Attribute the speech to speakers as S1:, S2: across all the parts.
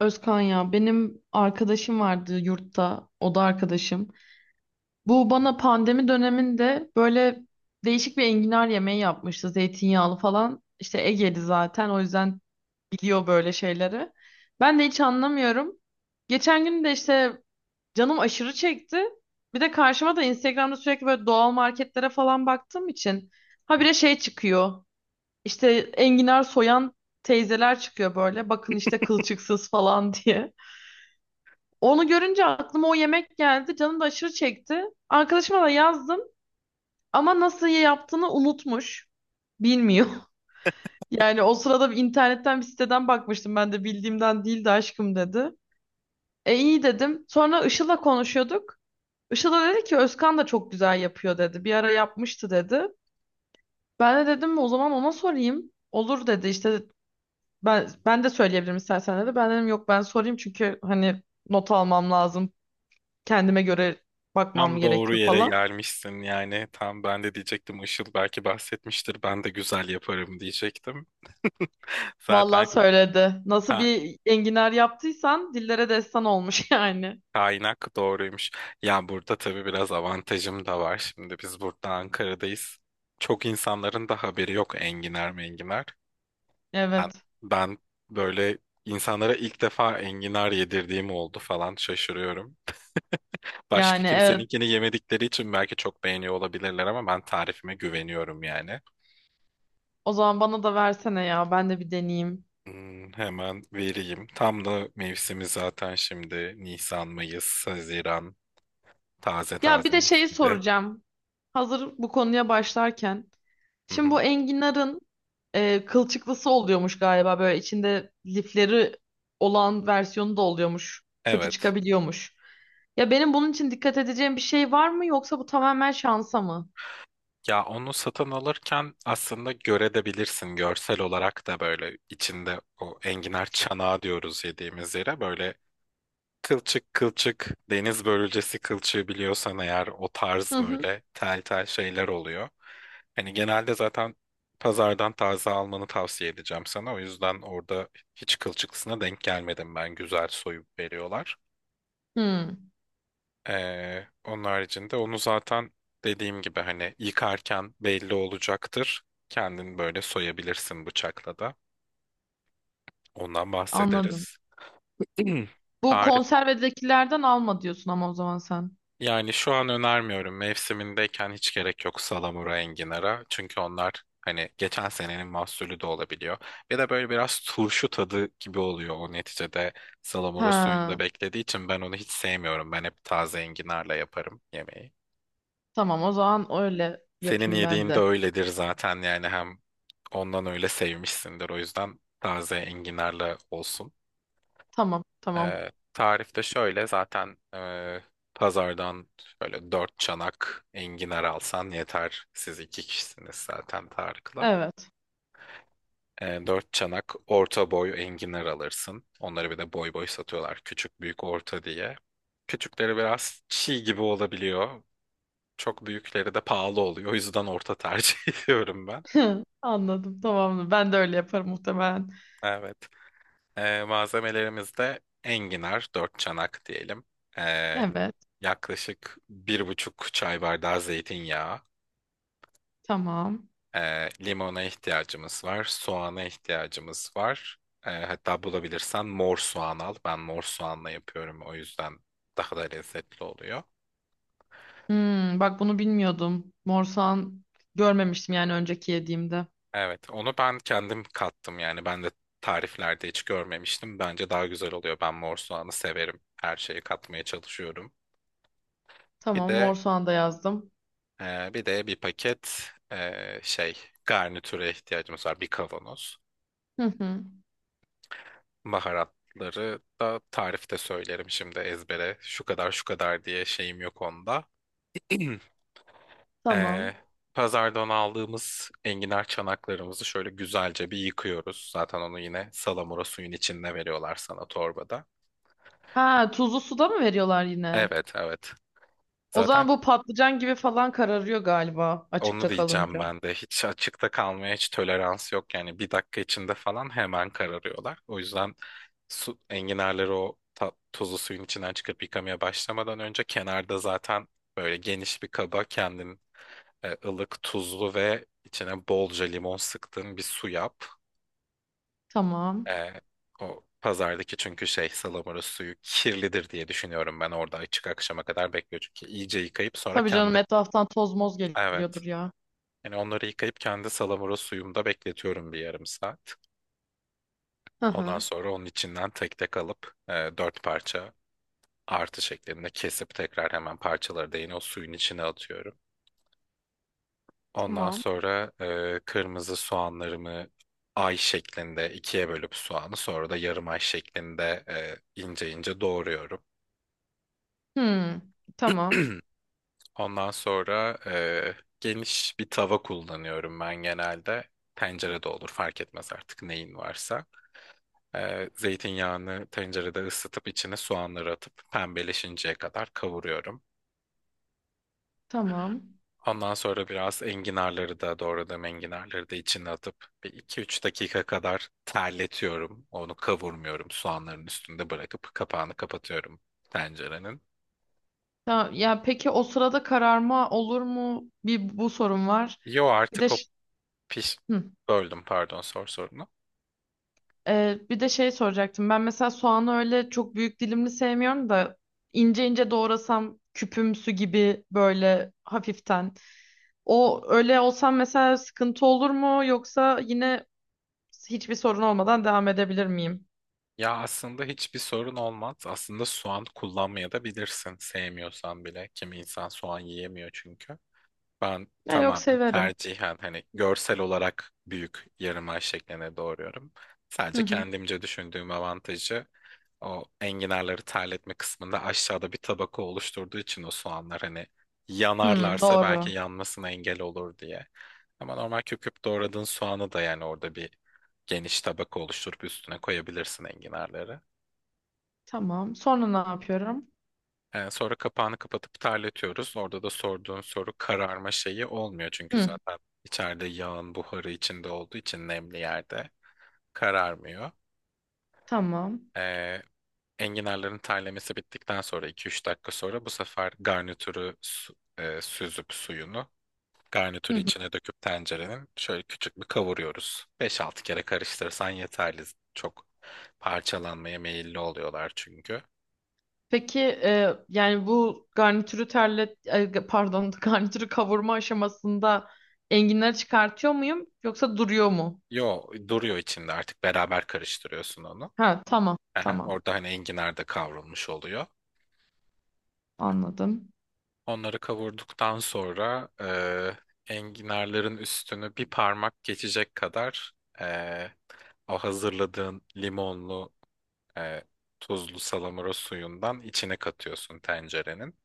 S1: Özkan ya benim arkadaşım vardı yurtta, o da arkadaşım. Bu bana pandemi döneminde böyle değişik bir enginar yemeği yapmıştı, zeytinyağlı falan. İşte Ege'li zaten, o yüzden biliyor böyle şeyleri. Ben de hiç anlamıyorum. Geçen gün de işte canım aşırı çekti. Bir de karşıma da Instagram'da sürekli böyle doğal marketlere falan baktığım için habire şey çıkıyor. İşte enginar soyan teyzeler çıkıyor böyle. Bakın işte kılçıksız falan diye. Onu görünce aklıma o yemek geldi. Canım da aşırı çekti. Arkadaşıma da yazdım ama nasıl yaptığını unutmuş. Bilmiyor. Yani o sırada bir internetten bir siteden bakmıştım, ben de bildiğimden değil de, aşkım dedi. E iyi dedim. Sonra Işıl'la konuşuyorduk. Işıl da dedi ki Özkan da çok güzel yapıyor dedi. Bir ara yapmıştı dedi. Ben de dedim o zaman ona sorayım. Olur dedi işte, ben de söyleyebilirim istersen dedi. Ben dedim yok, ben sorayım çünkü hani not almam lazım. Kendime göre bakmam
S2: Tam doğru
S1: gerekiyor
S2: yere
S1: falan.
S2: gelmişsin yani. Tam ben de diyecektim, Işıl belki bahsetmiştir. Ben de güzel yaparım diyecektim.
S1: Vallahi
S2: Zaten
S1: söyledi. Nasıl
S2: ka-
S1: bir enginar yaptıysan dillere destan olmuş yani.
S2: kaynak doğruymuş. Ya burada tabii biraz avantajım da var. Şimdi biz burada Ankara'dayız. Çok insanların da haberi yok enginar menginar. Ben,
S1: Evet.
S2: ben böyle insanlara ilk defa enginar yedirdiğim oldu falan, şaşırıyorum. Başka
S1: Yani evet.
S2: kimseninkini yemedikleri için belki çok beğeniyor olabilirler ama ben tarifime güveniyorum yani.
S1: O zaman bana da versene ya. Ben de bir deneyeyim.
S2: Hmm, hemen vereyim. Tam da mevsimi zaten, şimdi Nisan, Mayıs, Haziran, taze
S1: Ya bir
S2: taze
S1: de
S2: mis
S1: şeyi
S2: gibi.
S1: soracağım. Hazır bu konuya başlarken.
S2: Hı
S1: Şimdi
S2: hı.
S1: bu enginarın kılçıklısı oluyormuş galiba. Böyle içinde lifleri olan versiyonu da oluyormuş. Kötü
S2: Evet.
S1: çıkabiliyormuş. Ya benim bunun için dikkat edeceğim bir şey var mı, yoksa bu tamamen şansa mı?
S2: Ya onu satın alırken aslında görebilirsin, görsel olarak da, böyle içinde o enginar çanağı diyoruz yediğimiz yere, böyle kılçık kılçık, deniz börülcesi kılçığı biliyorsan eğer, o tarz
S1: Hı hı.
S2: böyle tel tel şeyler oluyor. Hani genelde zaten pazardan taze almanı tavsiye edeceğim sana. O yüzden orada hiç kılçıklısına denk gelmedim ben. Güzel soyup veriyorlar.
S1: Hı,
S2: Onun haricinde onu zaten dediğim gibi hani yıkarken belli olacaktır. Kendin böyle soyabilirsin bıçakla da. Ondan
S1: anladım.
S2: bahsederiz.
S1: Bu
S2: Tarif,
S1: konservedekilerden alma diyorsun ama o zaman sen.
S2: yani şu an önermiyorum. Mevsimindeyken hiç gerek yok salamura enginara. Çünkü onlar hani geçen senenin mahsulü de olabiliyor. Bir de böyle biraz turşu tadı gibi oluyor o, neticede salamura suyunda
S1: Ha,
S2: beklediği için ben onu hiç sevmiyorum. Ben hep taze enginarla yaparım yemeği.
S1: tamam, o zaman öyle
S2: Senin
S1: yapayım ben
S2: yediğin de
S1: de.
S2: öyledir zaten yani, hem ondan öyle sevmişsindir, o yüzden taze enginarla olsun.
S1: Tamam tamam.
S2: Tarifte şöyle zaten, pazardan şöyle dört çanak enginar alsan yeter. Siz iki kişisiniz zaten Tarık'la.
S1: Evet.
S2: Dört çanak orta boy enginar alırsın. Onları bir de boy boy satıyorlar. Küçük, büyük, orta diye. Küçükleri biraz çiğ gibi olabiliyor. Çok büyükleri de pahalı oluyor. O yüzden orta tercih ediyorum ben.
S1: Anladım tamam. Ben de öyle yaparım muhtemelen.
S2: Evet. Malzemelerimizde enginar, dört çanak diyelim. Ee,
S1: Evet
S2: Yaklaşık bir buçuk çay bardağı zeytinyağı.
S1: tamam.
S2: Limona ihtiyacımız var, soğana ihtiyacımız var. Hatta bulabilirsen mor soğan al. Ben mor soğanla yapıyorum, o yüzden daha da lezzetli oluyor.
S1: Hmm, bak bunu bilmiyordum. Mor soğan görmemiştim yani önceki yediğimde.
S2: Evet, onu ben kendim kattım yani, ben de tariflerde hiç görmemiştim. Bence daha güzel oluyor. Ben mor soğanı severim. Her şeyi katmaya çalışıyorum. Bir
S1: Tamam,
S2: de
S1: mor soğan da yazdım.
S2: Bir de bir paket şey, garnitüre ihtiyacımız var. Bir kavanoz.
S1: Hı hı.
S2: Baharatları da tarifte söylerim şimdi ezbere. Şu kadar şu kadar diye şeyim yok onda.
S1: Tamam.
S2: Ee, Pazardan aldığımız enginar çanaklarımızı şöyle güzelce bir yıkıyoruz. Zaten onu yine salamura suyun içinde veriyorlar sana torbada.
S1: Ha, tuzlu suda mı veriyorlar yine?
S2: Evet evet.
S1: O
S2: Zaten
S1: zaman bu patlıcan gibi falan kararıyor galiba
S2: onu
S1: açıkta
S2: diyeceğim
S1: kalınca.
S2: ben de. Hiç açıkta kalmaya hiç tolerans yok. Yani bir dakika içinde falan hemen kararıyorlar. O yüzden su, enginarları o tuzlu suyun içinden çıkıp yıkamaya başlamadan önce kenarda zaten böyle geniş bir kaba kendin ılık, tuzlu ve içine bolca limon sıktığın bir su yap.
S1: Tamam.
S2: E, O pazardaki çünkü şey, salamura suyu kirlidir diye düşünüyorum, ben orada açık akşama kadar bekliyor çünkü, iyice yıkayıp sonra
S1: Tabii canım,
S2: kendi,
S1: etraftan toz moz
S2: evet,
S1: geliyordur ya.
S2: yani onları yıkayıp kendi salamura suyumda bekletiyorum bir yarım saat.
S1: Hı
S2: Ondan
S1: hı.
S2: sonra onun içinden tek tek alıp dört parça artı şeklinde kesip tekrar hemen parçaları da yine o suyun içine atıyorum. Ondan
S1: Tamam.
S2: sonra kırmızı soğanlarımı ay şeklinde ikiye bölüp soğanı, sonra da yarım ay şeklinde ince ince doğruyorum.
S1: Hmm. Tamam.
S2: Ondan sonra geniş bir tava kullanıyorum ben genelde. Tencere de olur, fark etmez artık, neyin varsa. Zeytinyağını tencerede ısıtıp içine soğanları atıp pembeleşinceye kadar kavuruyorum.
S1: Tamam.
S2: Ondan sonra biraz enginarları da, doğradığım enginarları da içine atıp bir 2-3 dakika kadar terletiyorum. Onu kavurmuyorum. Soğanların üstünde bırakıp kapağını kapatıyorum tencerenin.
S1: Tamam. Ya peki o sırada kararma olur mu? Bir bu sorun var.
S2: Yo,
S1: Bir de
S2: artık o
S1: ş-
S2: piş...
S1: hı.
S2: Böldüm, pardon, sor sorunu.
S1: Bir de şey soracaktım. Ben mesela soğanı öyle çok büyük dilimli sevmiyorum da, ince ince doğrasam küpümsü gibi böyle hafiften. O öyle olsam mesela sıkıntı olur mu? Yoksa yine hiçbir sorun olmadan devam edebilir miyim?
S2: Ya aslında hiçbir sorun olmaz. Aslında soğan kullanmaya da bilirsin. Sevmiyorsan bile. Kimi insan soğan yiyemiyor çünkü. Ben
S1: Ya yok,
S2: tamamen
S1: severim.
S2: tercihen hani görsel olarak büyük yarım ay şekline doğruyorum.
S1: Hı
S2: Sadece
S1: hı.
S2: kendimce düşündüğüm avantajı, o enginarları terletme kısmında aşağıda bir tabaka oluşturduğu için o soğanlar hani
S1: Hmm,
S2: yanarlarsa
S1: doğru.
S2: belki yanmasına engel olur diye. Ama normal küp küp doğradığın soğanı da yani, orada bir geniş tabaka oluşturup üstüne koyabilirsin enginarları.
S1: Tamam. Sonra ne yapıyorum?
S2: Sonra kapağını kapatıp terletiyoruz. Orada da sorduğun soru, kararma şeyi olmuyor çünkü
S1: Hı,
S2: zaten içeride yağın buharı içinde olduğu için, nemli yerde kararmıyor.
S1: tamam.
S2: Ee, Enginarların terlemesi bittikten sonra, iki üç dakika sonra, bu sefer garnitürü süzüp suyunu,
S1: Hı
S2: garnitürü
S1: hı.
S2: içine döküp tencerenin şöyle küçük bir kavuruyoruz. Beş altı kere karıştırırsan yeterli. Çok parçalanmaya meyilli oluyorlar çünkü.
S1: Peki yani bu garnitürü terlet e, pardon garnitürü kavurma aşamasında enginleri çıkartıyor muyum yoksa duruyor mu?
S2: Yo, duruyor içinde, artık beraber karıştırıyorsun onu.
S1: Ha tamam
S2: Aha,
S1: tamam,
S2: orada hani enginar da kavrulmuş oluyor.
S1: anladım.
S2: Onları kavurduktan sonra enginarların üstünü bir parmak geçecek kadar, e, o hazırladığın limonlu, e, tuzlu salamura suyundan içine katıyorsun tencerenin.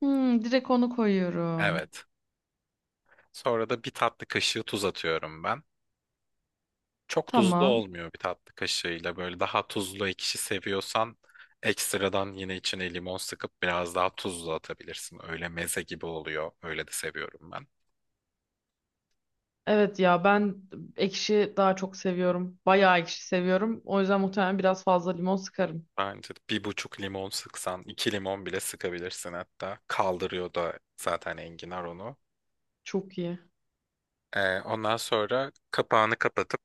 S1: Hmm, direkt onu koyuyorum.
S2: Evet. Sonra da bir tatlı kaşığı tuz atıyorum ben. Çok tuzlu
S1: Tamam.
S2: olmuyor bir tatlı kaşığıyla. Böyle daha tuzlu ekşi seviyorsan ekstradan yine içine limon sıkıp biraz daha tuzlu atabilirsin. Öyle meze gibi oluyor. Öyle de seviyorum ben.
S1: Evet ya, ben ekşi daha çok seviyorum. Bayağı ekşi seviyorum. O yüzden muhtemelen biraz fazla limon sıkarım.
S2: Bence de bir buçuk limon sıksan, iki limon bile sıkabilirsin hatta. Kaldırıyor da zaten enginar onu.
S1: Çok iyi.
S2: Ondan sonra kapağını kapatıp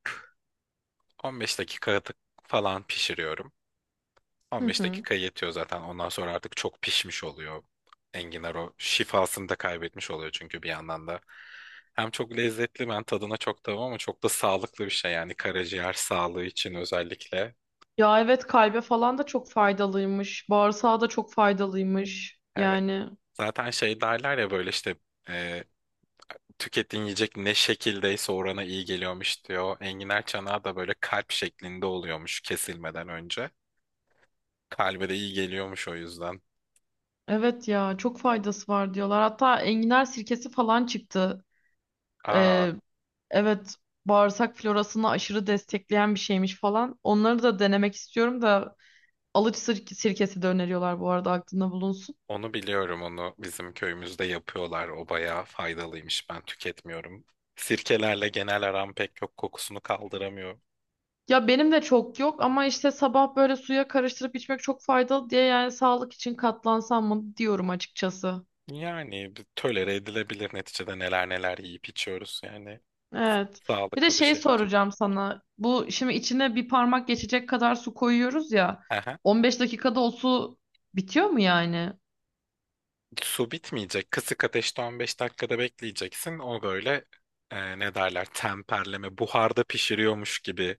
S2: 15 dakika falan pişiriyorum.
S1: Hı
S2: 15
S1: hı.
S2: dakika yetiyor zaten. Ondan sonra artık çok pişmiş oluyor. Enginar o şifasını da kaybetmiş oluyor çünkü bir yandan da. Hem çok lezzetli, ben tadına çok tamam, ama çok da sağlıklı bir şey yani, karaciğer sağlığı için özellikle.
S1: Ya evet, kalbe falan da çok faydalıymış. Bağırsağa da çok faydalıymış.
S2: Evet.
S1: Yani
S2: Zaten şey derler ya, böyle işte e, tükettiğin yiyecek ne şekildeyse orana iyi geliyormuş diyor. Enginar çanağı da böyle kalp şeklinde oluyormuş kesilmeden önce. Kalbe de iyi geliyormuş o yüzden.
S1: evet ya, çok faydası var diyorlar. Hatta enginar sirkesi falan çıktı.
S2: Aa.
S1: Ee, evet, bağırsak florasını aşırı destekleyen bir şeymiş falan. Onları da denemek istiyorum da, sirkesi de öneriyorlar, bu arada aklında bulunsun.
S2: Onu biliyorum, onu bizim köyümüzde yapıyorlar, o bayağı faydalıymış, ben tüketmiyorum. Sirkelerle genel aram pek yok, kokusunu kaldıramıyor.
S1: Ya benim de çok yok ama işte sabah böyle suya karıştırıp içmek çok faydalı diye, yani sağlık için katlansam mı diyorum açıkçası.
S2: Yani bir tolere edilebilir, neticede neler neler yiyip içiyoruz yani,
S1: Evet. Bir de
S2: sağlıklı bir
S1: şey
S2: şey de tüket.
S1: soracağım sana. Bu şimdi içine bir parmak geçecek kadar su koyuyoruz ya.
S2: Aha.
S1: 15 dakikada o su bitiyor mu yani?
S2: Su bitmeyecek, kısık ateşte 15 dakikada bekleyeceksin, o böyle ne derler, temperleme, buharda pişiriyormuş gibi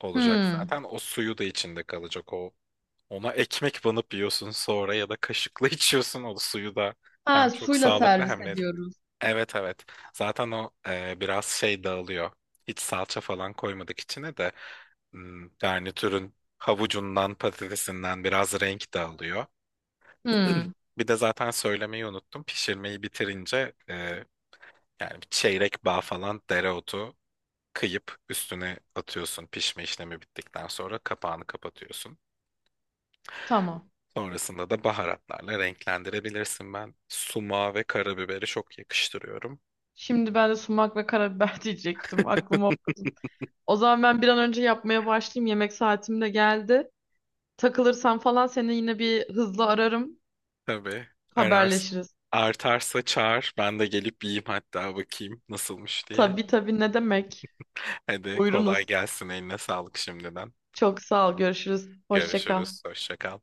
S2: olacak,
S1: Hmm.
S2: zaten o suyu da içinde kalacak o. Ona ekmek banıp yiyorsun sonra, ya da kaşıkla içiyorsun o suyu da.
S1: Ha,
S2: Hem çok
S1: suyla
S2: sağlıklı
S1: servis
S2: hem de...
S1: ediyoruz.
S2: Evet evet. Zaten o biraz şey dağılıyor. Hiç salça falan koymadık içine de, hmm, garnitürün havucundan patatesinden biraz renk dağılıyor.
S1: Hmm.
S2: Bir de zaten söylemeyi unuttum. Pişirmeyi bitirince, yani bir çeyrek bağ falan dereotu kıyıp üstüne atıyorsun, pişme işlemi bittikten sonra kapağını kapatıyorsun.
S1: Tamam.
S2: Sonrasında da baharatlarla renklendirebilirsin. Ben sumağı ve karabiberi çok yakıştırıyorum.
S1: Şimdi ben de sumak ve karabiber diyecektim. Aklıma okudum. O zaman ben bir an önce yapmaya başlayayım. Yemek saatim de geldi. Takılırsam falan seni yine bir hızlı ararım.
S2: Tabii ararsın.
S1: Haberleşiriz.
S2: Artarsa çağır, ben de gelip yiyeyim hatta, bakayım nasılmış diye.
S1: Tabii tabii, ne demek.
S2: Hadi
S1: Buyurunuz.
S2: kolay gelsin. Eline sağlık şimdiden.
S1: Çok sağ ol. Görüşürüz. Hoşça kal.
S2: Görüşürüz. Hoşça kal.